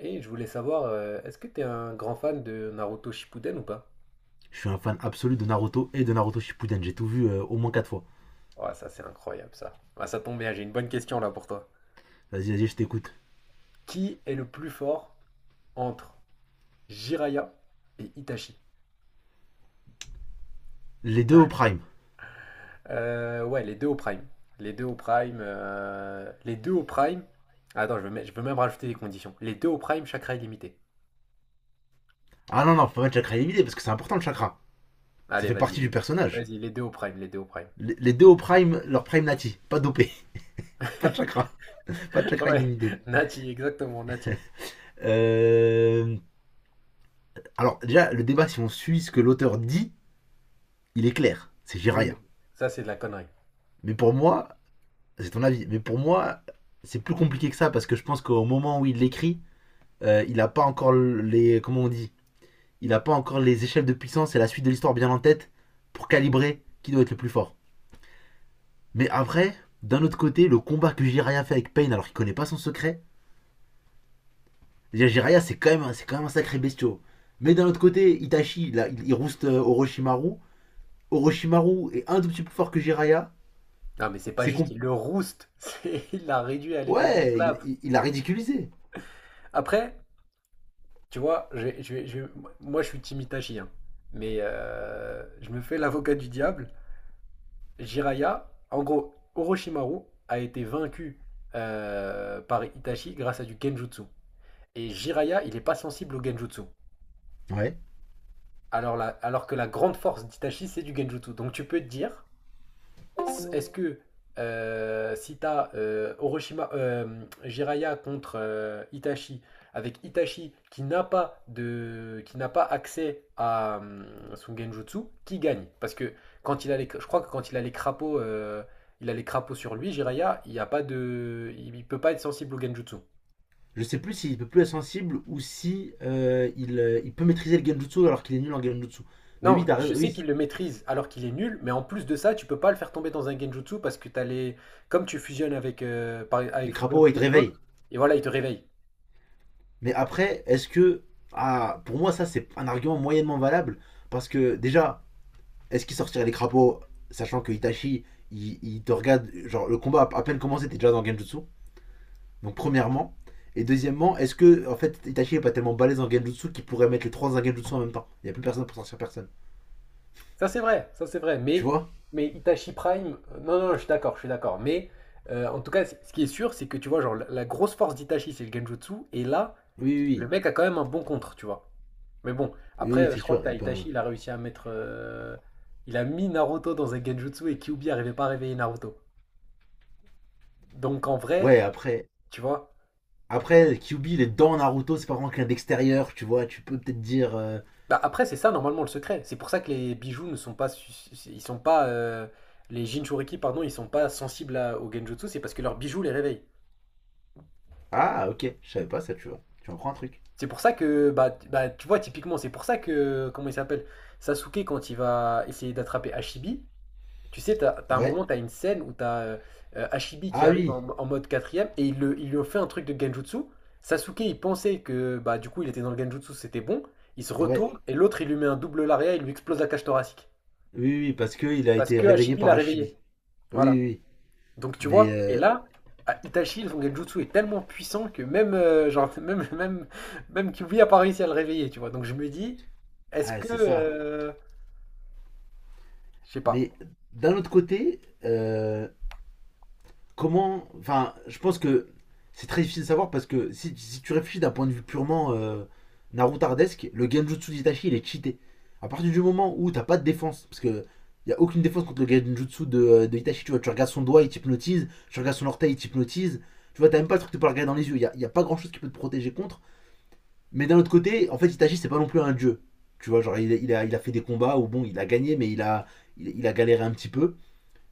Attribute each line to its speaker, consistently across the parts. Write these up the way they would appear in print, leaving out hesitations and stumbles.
Speaker 1: Et je voulais savoir, est-ce que t'es un grand fan de Naruto Shippuden ou pas?
Speaker 2: Je suis un fan absolu de Naruto et de Naruto Shippuden. J'ai tout vu au moins 4 fois.
Speaker 1: Ouais, ça c'est incroyable ça. Ah, ça tombe bien, j'ai une bonne question là pour toi.
Speaker 2: Vas-y, vas-y, je t'écoute.
Speaker 1: Qui est le plus fort entre Jiraiya et Itachi?
Speaker 2: Les deux au prime.
Speaker 1: Ouais, les deux au prime. Les deux au prime. Les deux au prime. Attends, je veux, je veux même rajouter des conditions. Les deux au prime, chakra illimité.
Speaker 2: Ah non, non, faut pas mettre chakra illimité parce que c'est important le chakra. Ça
Speaker 1: Allez,
Speaker 2: fait
Speaker 1: vas-y.
Speaker 2: partie du
Speaker 1: Les
Speaker 2: personnage.
Speaker 1: Vas-y, les deux au prime, les deux au prime.
Speaker 2: Les deux au prime, leur prime nati. Pas dopé. pas de chakra. Pas de chakra
Speaker 1: Ouais,
Speaker 2: illimité.
Speaker 1: Nati, exactement, Nati.
Speaker 2: Euh, Alors, déjà, le débat, si on suit ce que l'auteur dit, il est clair. C'est
Speaker 1: Oui,
Speaker 2: Jiraiya.
Speaker 1: mais ça c'est de la connerie.
Speaker 2: Mais pour moi, c'est ton avis, mais pour moi, c'est plus compliqué que ça parce que je pense qu'au moment où il l'écrit, il n'a pas encore les. Comment on dit? Il n'a pas encore les échelles de puissance et la suite de l'histoire bien en tête pour calibrer qui doit être le plus fort. Mais après, d'un autre côté, le combat que Jiraya fait avec Pain alors qu'il connaît pas son secret. Déjà, Jiraya, c'est quand même un sacré bestiau. Mais d'un autre côté, Itachi, là, il rouste Orochimaru. Orochimaru est un tout petit peu plus fort que Jiraya.
Speaker 1: Non, mais c'est pas
Speaker 2: C'est
Speaker 1: juste,
Speaker 2: qu'on
Speaker 1: il le rouste, il l'a réduit à l'état
Speaker 2: Ouais, il,
Speaker 1: d'esclave.
Speaker 2: il- il a ridiculisé.
Speaker 1: Après, tu vois, moi je suis Timitachi, hein, mais je me fais l'avocat du diable. Jiraiya, en gros, Orochimaru a été vaincu par Itachi grâce à du Genjutsu. Et Jiraiya, il n'est pas sensible au Genjutsu.
Speaker 2: Ouais.
Speaker 1: Alors, alors que la grande force d'Itachi, c'est du Genjutsu. Donc tu peux te dire, est-ce que si t'as Jiraiya contre Itachi, avec Itachi qui n'a pas de, qui n'a pas accès à son Genjutsu, qui gagne? Parce que quand il a les, je crois que quand il a les crapauds, il a les crapauds sur lui, Jiraiya, il n'y a pas de, il peut pas être sensible au Genjutsu.
Speaker 2: Je sais plus s'il peut plus être sensible ou si il peut maîtriser le Genjutsu alors qu'il est nul en Genjutsu. Mais oui,
Speaker 1: Non,
Speaker 2: t'as
Speaker 1: je
Speaker 2: raison,
Speaker 1: sais
Speaker 2: oui.
Speaker 1: qu'il le maîtrise alors qu'il est nul, mais en plus de ça, tu peux pas le faire tomber dans un Genjutsu parce que t'as les, comme tu fusionnes avec,
Speaker 2: Les
Speaker 1: avec
Speaker 2: crapauds, ouais, ils te
Speaker 1: Fugaku et
Speaker 2: réveillent.
Speaker 1: l'autre, et voilà, il te réveille.
Speaker 2: Mais après, est-ce que. Ah, pour moi, ça, c'est un argument moyennement valable. Parce que, déjà, est-ce qu'il sortirait les crapauds, sachant que Itachi, il te regarde. Genre, le combat a à peine commencé, t'es déjà dans Genjutsu. Donc, premièrement. Et deuxièmement, est-ce que, en fait, Itachi est pas tellement balèze en Genjutsu qu'il pourrait mettre les trois en Genjutsu en même temps? Il n'y a plus personne pour sortir personne.
Speaker 1: Ça c'est vrai, ça c'est vrai.
Speaker 2: Tu vois.
Speaker 1: Mais Itachi Prime, non, non, je suis d'accord, je suis d'accord. Mais en tout cas, ce qui est sûr, c'est que tu vois, genre, la grosse force d'Itachi, c'est le Genjutsu. Et là,
Speaker 2: Oui, oui,
Speaker 1: le
Speaker 2: oui.
Speaker 1: mec a quand même un bon contre, tu vois. Mais bon,
Speaker 2: Oui,
Speaker 1: après,
Speaker 2: oui, c'est
Speaker 1: je crois que
Speaker 2: sûr.
Speaker 1: t'as
Speaker 2: Il peut, hein.
Speaker 1: Itachi, il a réussi à mettre. Il a mis Naruto dans un Genjutsu et Kyuubi n'arrivait pas à réveiller Naruto. Donc en
Speaker 2: Ouais,
Speaker 1: vrai,
Speaker 2: après.
Speaker 1: tu vois.
Speaker 2: Après, Kyubi, il est dans Naruto, c'est pas vraiment quelqu'un d'extérieur, tu vois. Tu peux peut-être dire.
Speaker 1: Bah, après, c'est ça normalement le secret. C'est pour ça que les bijoux ne sont pas. Ils sont pas. Les Jinchuriki, pardon, ils sont pas sensibles au Genjutsu, c'est parce que leurs bijoux les réveillent.
Speaker 2: Ah, ok, je savais pas ça, tu vois. Tu en prends un truc.
Speaker 1: C'est pour ça que, bah, bah, tu vois, typiquement, c'est pour ça que, comment il s'appelle? Sasuke, quand il va essayer d'attraper Hashibi, tu sais, t'as un
Speaker 2: Ouais.
Speaker 1: moment, t'as une scène où t'as Hashibi qui
Speaker 2: Ah
Speaker 1: arrive
Speaker 2: oui,
Speaker 1: en, en mode quatrième et il, il lui ont fait un truc de Genjutsu. Sasuke, il pensait que, bah, du coup, il était dans le Genjutsu, c'était bon. Il se
Speaker 2: ouais.
Speaker 1: retourne et l'autre, il lui met un double lariat, il lui explose la cage thoracique.
Speaker 2: Oui, oui, parce qu'il a
Speaker 1: Parce
Speaker 2: été
Speaker 1: que
Speaker 2: réveillé
Speaker 1: Hashibi
Speaker 2: par
Speaker 1: l'a réveillé.
Speaker 2: Hachibi. Oui,
Speaker 1: Voilà.
Speaker 2: oui, oui.
Speaker 1: Donc tu
Speaker 2: Mais,
Speaker 1: vois, et là, à Itachi, son genjutsu est tellement puissant que même, genre, même, même, même Kyuubi a pas réussi à le réveiller, tu vois. Donc je me dis, est-ce
Speaker 2: ah,
Speaker 1: que...
Speaker 2: c'est ça.
Speaker 1: je sais pas.
Speaker 2: Mais d'un autre côté, comment. Enfin, je pense que c'est très difficile de savoir parce que si tu réfléchis d'un point de vue purement narutardesque, le Genjutsu d'Itachi, il est cheaté. À partir du moment où t'as pas de défense, parce que y a aucune défense contre le Genjutsu de, de Itachi, tu vois, tu regardes son doigt, il t'hypnotise, tu regardes son orteil, il t'hypnotise, tu vois, t'as même pas le truc de pas le regarder dans les yeux, y a pas grand chose qui peut te protéger contre. Mais d'un autre côté, en fait, Itachi, c'est pas non plus un dieu. Tu vois, genre, il a fait des combats où, bon, il a gagné, mais il a galéré un petit peu.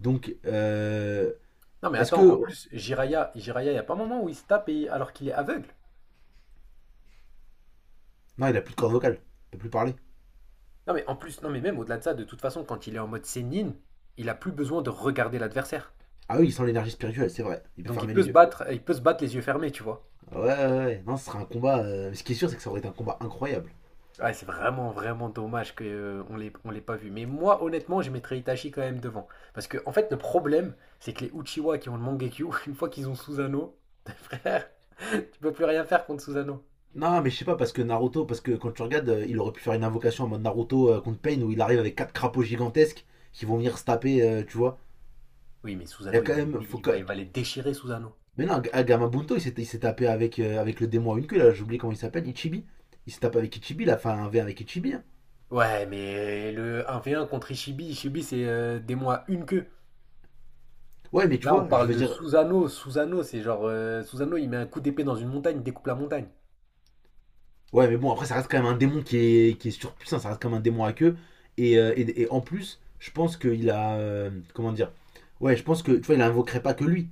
Speaker 2: Donc,
Speaker 1: Non mais
Speaker 2: est-ce
Speaker 1: attends, en
Speaker 2: que.
Speaker 1: plus, Jiraiya il n'y a pas un moment où il se tape alors qu'il est aveugle.
Speaker 2: Non, il a plus de corde vocale. Il peut plus parler.
Speaker 1: Non mais en plus, non mais même au-delà de ça, de toute façon, quand il est en mode Sennin, il a plus besoin de regarder l'adversaire.
Speaker 2: Ah oui, il sent l'énergie spirituelle, c'est vrai. Il peut
Speaker 1: Donc il
Speaker 2: fermer
Speaker 1: peut
Speaker 2: les
Speaker 1: se
Speaker 2: yeux.
Speaker 1: battre, il peut se battre les yeux fermés, tu vois.
Speaker 2: Ouais, ouais, ouais. Non, ce sera un combat. Ce qui est sûr, c'est que ça aurait été un combat incroyable.
Speaker 1: Ouais, c'est vraiment, vraiment dommage qu'on on l'ait pas vu. Mais moi, honnêtement, je mettrais Itachi quand même devant. Parce que, en fait, le problème, c'est que les Uchiwa qui ont le Mangekyo, une fois qu'ils ont Susanoo, frère, tu peux plus rien faire contre Susanoo.
Speaker 2: Non, mais je sais pas, parce que Naruto, parce que quand tu regardes, il aurait pu faire une invocation en mode Naruto contre Pain où il arrive avec quatre crapauds gigantesques qui vont venir se taper, tu vois.
Speaker 1: Oui, mais
Speaker 2: Il y
Speaker 1: Susanoo,
Speaker 2: a quand même.
Speaker 1: il va les déchirer, Susanoo.
Speaker 2: Mais non, Gamabunto, il s'est tapé avec, avec le démon à une queue, là, j'ai oublié comment il s'appelle, Ichibi. Il s'est tapé avec Ichibi, il a fait un verre avec Ichibi. Hein.
Speaker 1: Ouais, mais le un v un contre Ishibi, Ishibi, c'est des mois une queue.
Speaker 2: Ouais, mais tu
Speaker 1: Là, on
Speaker 2: vois, je
Speaker 1: parle
Speaker 2: veux
Speaker 1: de
Speaker 2: dire.
Speaker 1: Susanoo. Susanoo, c'est genre. Susanoo, il met un coup d'épée dans une montagne, il découpe la montagne.
Speaker 2: Ouais, mais bon, après, ça reste quand même un démon qui est surpuissant, ça reste comme un démon à queue. Et, en plus, je pense qu'il a. Comment dire? Ouais, je pense que, tu vois, il invoquerait pas que lui.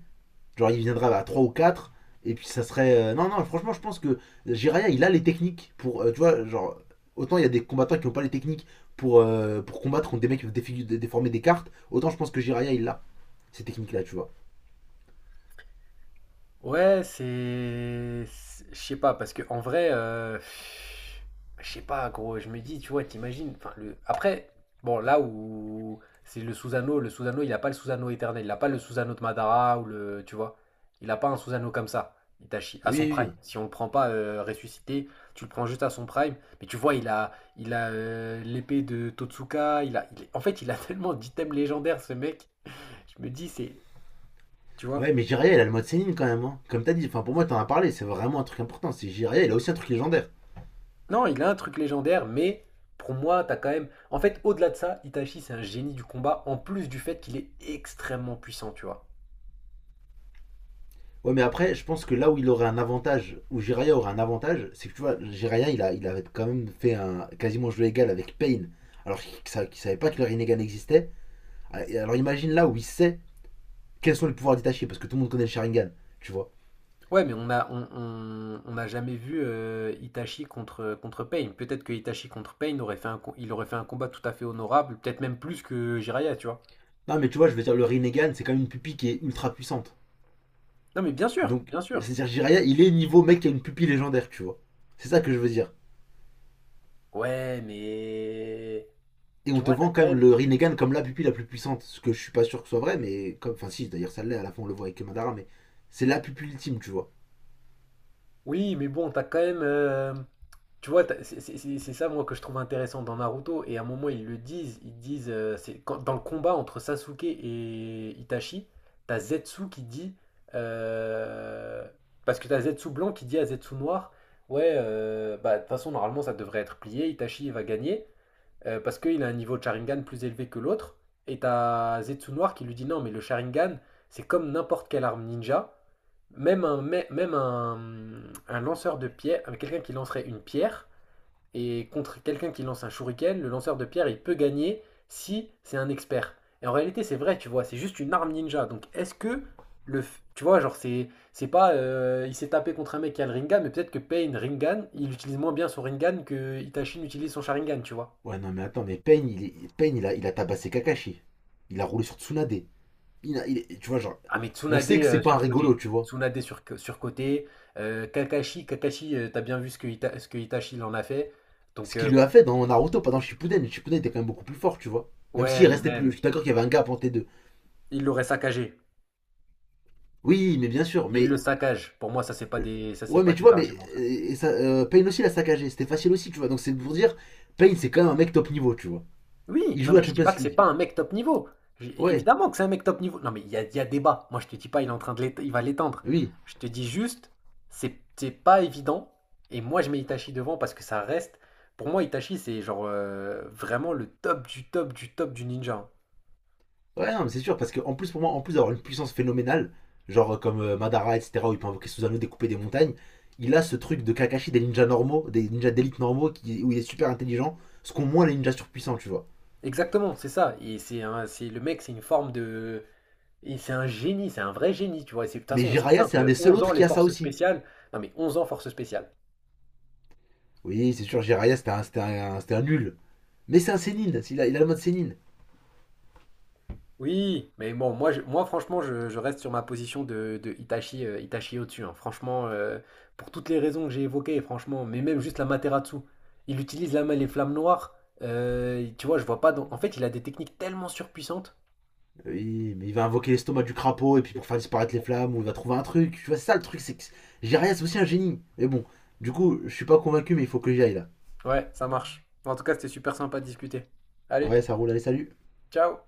Speaker 2: Genre, il viendra à 3 ou quatre. Et puis, ça serait. Non, non, franchement, je pense que Jiraya, il a les techniques pour. Tu vois, genre, autant il y a des combattants qui n'ont pas les techniques pour combattre contre des mecs qui peuvent déformer des cartes. Autant je pense que Jiraya, il a ces techniques-là, tu vois.
Speaker 1: Ouais, je sais pas parce que en vrai je sais pas gros, je me dis tu vois, t'imagines enfin le après bon là où c'est le Susano, il a pas le Susano éternel, il a pas le Susano de Madara ou le tu vois, il a pas un Susano comme ça. Itachi à
Speaker 2: Oui,
Speaker 1: son
Speaker 2: oui,
Speaker 1: prime.
Speaker 2: oui.
Speaker 1: Si on le prend pas ressuscité, tu le prends juste à son prime, mais tu vois, il a l'épée de Totsuka, en fait, il a tellement d'items légendaires ce mec. Je me dis c'est tu vois.
Speaker 2: Ouais, mais Jiraya, il a le mode Sénine quand même. Hein. Comme t'as dit, enfin, pour moi, t'en as parlé, c'est vraiment un truc important. C'est Jiraya, il a aussi un truc légendaire.
Speaker 1: Non, il a un truc légendaire, mais pour moi, t'as quand même. En fait, au-delà de ça, Itachi, c'est un génie du combat, en plus du fait qu'il est extrêmement puissant, tu vois.
Speaker 2: Ouais, mais après, je pense que là où il aurait un avantage, où Jiraya aurait un avantage, c'est que tu vois, Jiraya, il avait quand même fait un quasiment jeu égal avec Pain alors qu'il savait pas que le Rinnegan existait. Alors imagine là où il sait quels sont les pouvoirs détachés, parce que tout le monde connaît le Sharingan, tu vois.
Speaker 1: Ouais, mais on a, on, on n'a jamais vu Itachi contre, contre Pain. Peut-être que Itachi contre Pain aurait fait un, il aurait fait un combat tout à fait honorable, peut-être même plus que Jiraiya, tu vois.
Speaker 2: Non, mais tu vois, je veux dire, le Rinnegan, c'est quand même une pupille qui est ultra puissante.
Speaker 1: Non, mais bien sûr,
Speaker 2: Donc,
Speaker 1: bien sûr.
Speaker 2: c'est-à-dire, Jiraya, il est niveau mec qui a une pupille légendaire, tu vois. C'est ça que je veux dire.
Speaker 1: Ouais, mais.
Speaker 2: Et on
Speaker 1: Tu
Speaker 2: te
Speaker 1: vois, t'as
Speaker 2: vend quand
Speaker 1: quand
Speaker 2: même
Speaker 1: même.
Speaker 2: le Rinnegan comme la pupille la plus puissante, ce que je suis pas sûr que ce soit vrai, mais comme, enfin si, d'ailleurs ça l'est, à la fin on le voit avec Madara, mais c'est la pupille ultime, tu vois.
Speaker 1: Oui, mais bon, t'as quand même. Tu vois, c'est ça, moi, que je trouve intéressant dans Naruto. Et à un moment, ils le disent. Ils disent, c'est dans le combat entre Sasuke et Itachi, t'as Zetsu qui dit, euh, parce que t'as Zetsu blanc qui dit à Zetsu noir, ouais, bah, de toute façon, normalement, ça devrait être plié. Itachi, il va gagner parce qu'il a un niveau de Sharingan plus élevé que l'autre. Et t'as Zetsu noir qui lui dit, non, mais le Sharingan, c'est comme n'importe quelle arme ninja. Même un lanceur de pierre, quelqu'un qui lancerait une pierre, et contre quelqu'un qui lance un shuriken, le lanceur de pierre, il peut gagner si c'est un expert. Et en réalité, c'est vrai, tu vois, c'est juste une arme ninja. Donc, est-ce que le, tu vois, genre, c'est pas, il s'est tapé contre un mec qui a le Rinnegan, mais peut-être que Pain Rinnegan, il utilise moins bien son Rinnegan que Itachi n'utilise son Sharingan, tu vois.
Speaker 2: Ouais, non, mais attends, mais Pain, il, est- Pain, il a tabassé Kakashi. Il a roulé sur Tsunade. Il a- il est- tu vois, genre,
Speaker 1: Ah, mais
Speaker 2: on
Speaker 1: Tsunade
Speaker 2: sait que c'est pas un rigolo,
Speaker 1: surcoté.
Speaker 2: tu vois.
Speaker 1: Tsunade sur, surcoté. Kakashi, Kakashi, t'as bien vu ce que, ce que Itachi il en a fait. Donc,
Speaker 2: Ce qu'il lui a fait dans Naruto, pas dans Shippuden. Shippuden était quand même beaucoup plus fort, tu vois. Même
Speaker 1: ouais,
Speaker 2: s'il
Speaker 1: mais
Speaker 2: restait plus. Je
Speaker 1: même,
Speaker 2: suis d'accord qu'il y avait un gap entre les deux.
Speaker 1: il l'aurait saccagé.
Speaker 2: Oui, mais bien sûr,
Speaker 1: Il le
Speaker 2: mais.
Speaker 1: saccage. Pour moi, ça, c'est pas des, ça, c'est
Speaker 2: Ouais, mais
Speaker 1: pas
Speaker 2: tu
Speaker 1: des
Speaker 2: vois, mais.
Speaker 1: arguments, ça.
Speaker 2: Et ça, Pain aussi l'a saccagé. C'était facile aussi, tu vois. Donc c'est pour dire, Pain, c'est quand même un mec top niveau, tu vois.
Speaker 1: Oui,
Speaker 2: Il
Speaker 1: non,
Speaker 2: joue la
Speaker 1: mais je dis
Speaker 2: Champions
Speaker 1: pas que c'est
Speaker 2: League.
Speaker 1: pas un mec top niveau. J-
Speaker 2: Ouais,
Speaker 1: Évidemment que c'est un mec top niveau. Non, mais il y a débat. Moi, je te dis pas, il est en train de il va l'étendre.
Speaker 2: oui.
Speaker 1: Je te dis juste, c'est pas évident. Et moi, je mets Itachi devant parce que ça reste. Pour moi, Itachi, c'est genre vraiment le top du top du top du ninja. Hein.
Speaker 2: Ouais, non, mais c'est sûr, parce que en plus, pour moi, en plus d'avoir une puissance phénoménale, genre comme Madara, etc., où il peut invoquer Susanoo, découper des montagnes, il a ce truc de Kakashi, des ninjas normaux, des ninjas d'élite normaux, qui, où il est super intelligent, ce qu'ont moins les ninjas surpuissants, tu vois.
Speaker 1: Exactement, c'est ça. Et c'est un, c'est le mec, c'est une forme de. Et c'est un génie, c'est un vrai génie, tu vois. Et de toute
Speaker 2: Mais
Speaker 1: façon, c'est
Speaker 2: Jiraiya, c'est un des
Speaker 1: simple.
Speaker 2: seuls
Speaker 1: 11 ans,
Speaker 2: autres qui
Speaker 1: les
Speaker 2: a ça
Speaker 1: forces
Speaker 2: aussi.
Speaker 1: spéciales. Non, mais 11 ans, forces spéciales.
Speaker 2: Oui, c'est sûr, Jiraiya, c'était un nul. Mais c'est un sénine, il a le mode sénine.
Speaker 1: Oui, mais bon, moi franchement, je reste sur ma position de Itachi, Itachi au-dessus. Hein. Franchement, pour toutes les raisons que j'ai évoquées, franchement, mais même juste la Materatsu, il utilise la main les flammes noires. Tu vois, je vois pas. En fait, il a des techniques tellement surpuissantes.
Speaker 2: Oui, mais il va invoquer l'estomac du crapaud, et puis pour faire disparaître les flammes, ou il va trouver un truc. Tu vois, c'est ça le truc, c'est que Jiraiya, c'est aussi un génie. Mais bon, du coup, je suis pas convaincu, mais il faut que j'y aille là.
Speaker 1: Ouais, ça marche. En tout cas, c'était super sympa de discuter. Allez,
Speaker 2: Ouais, ça roule, allez, salut.
Speaker 1: ciao!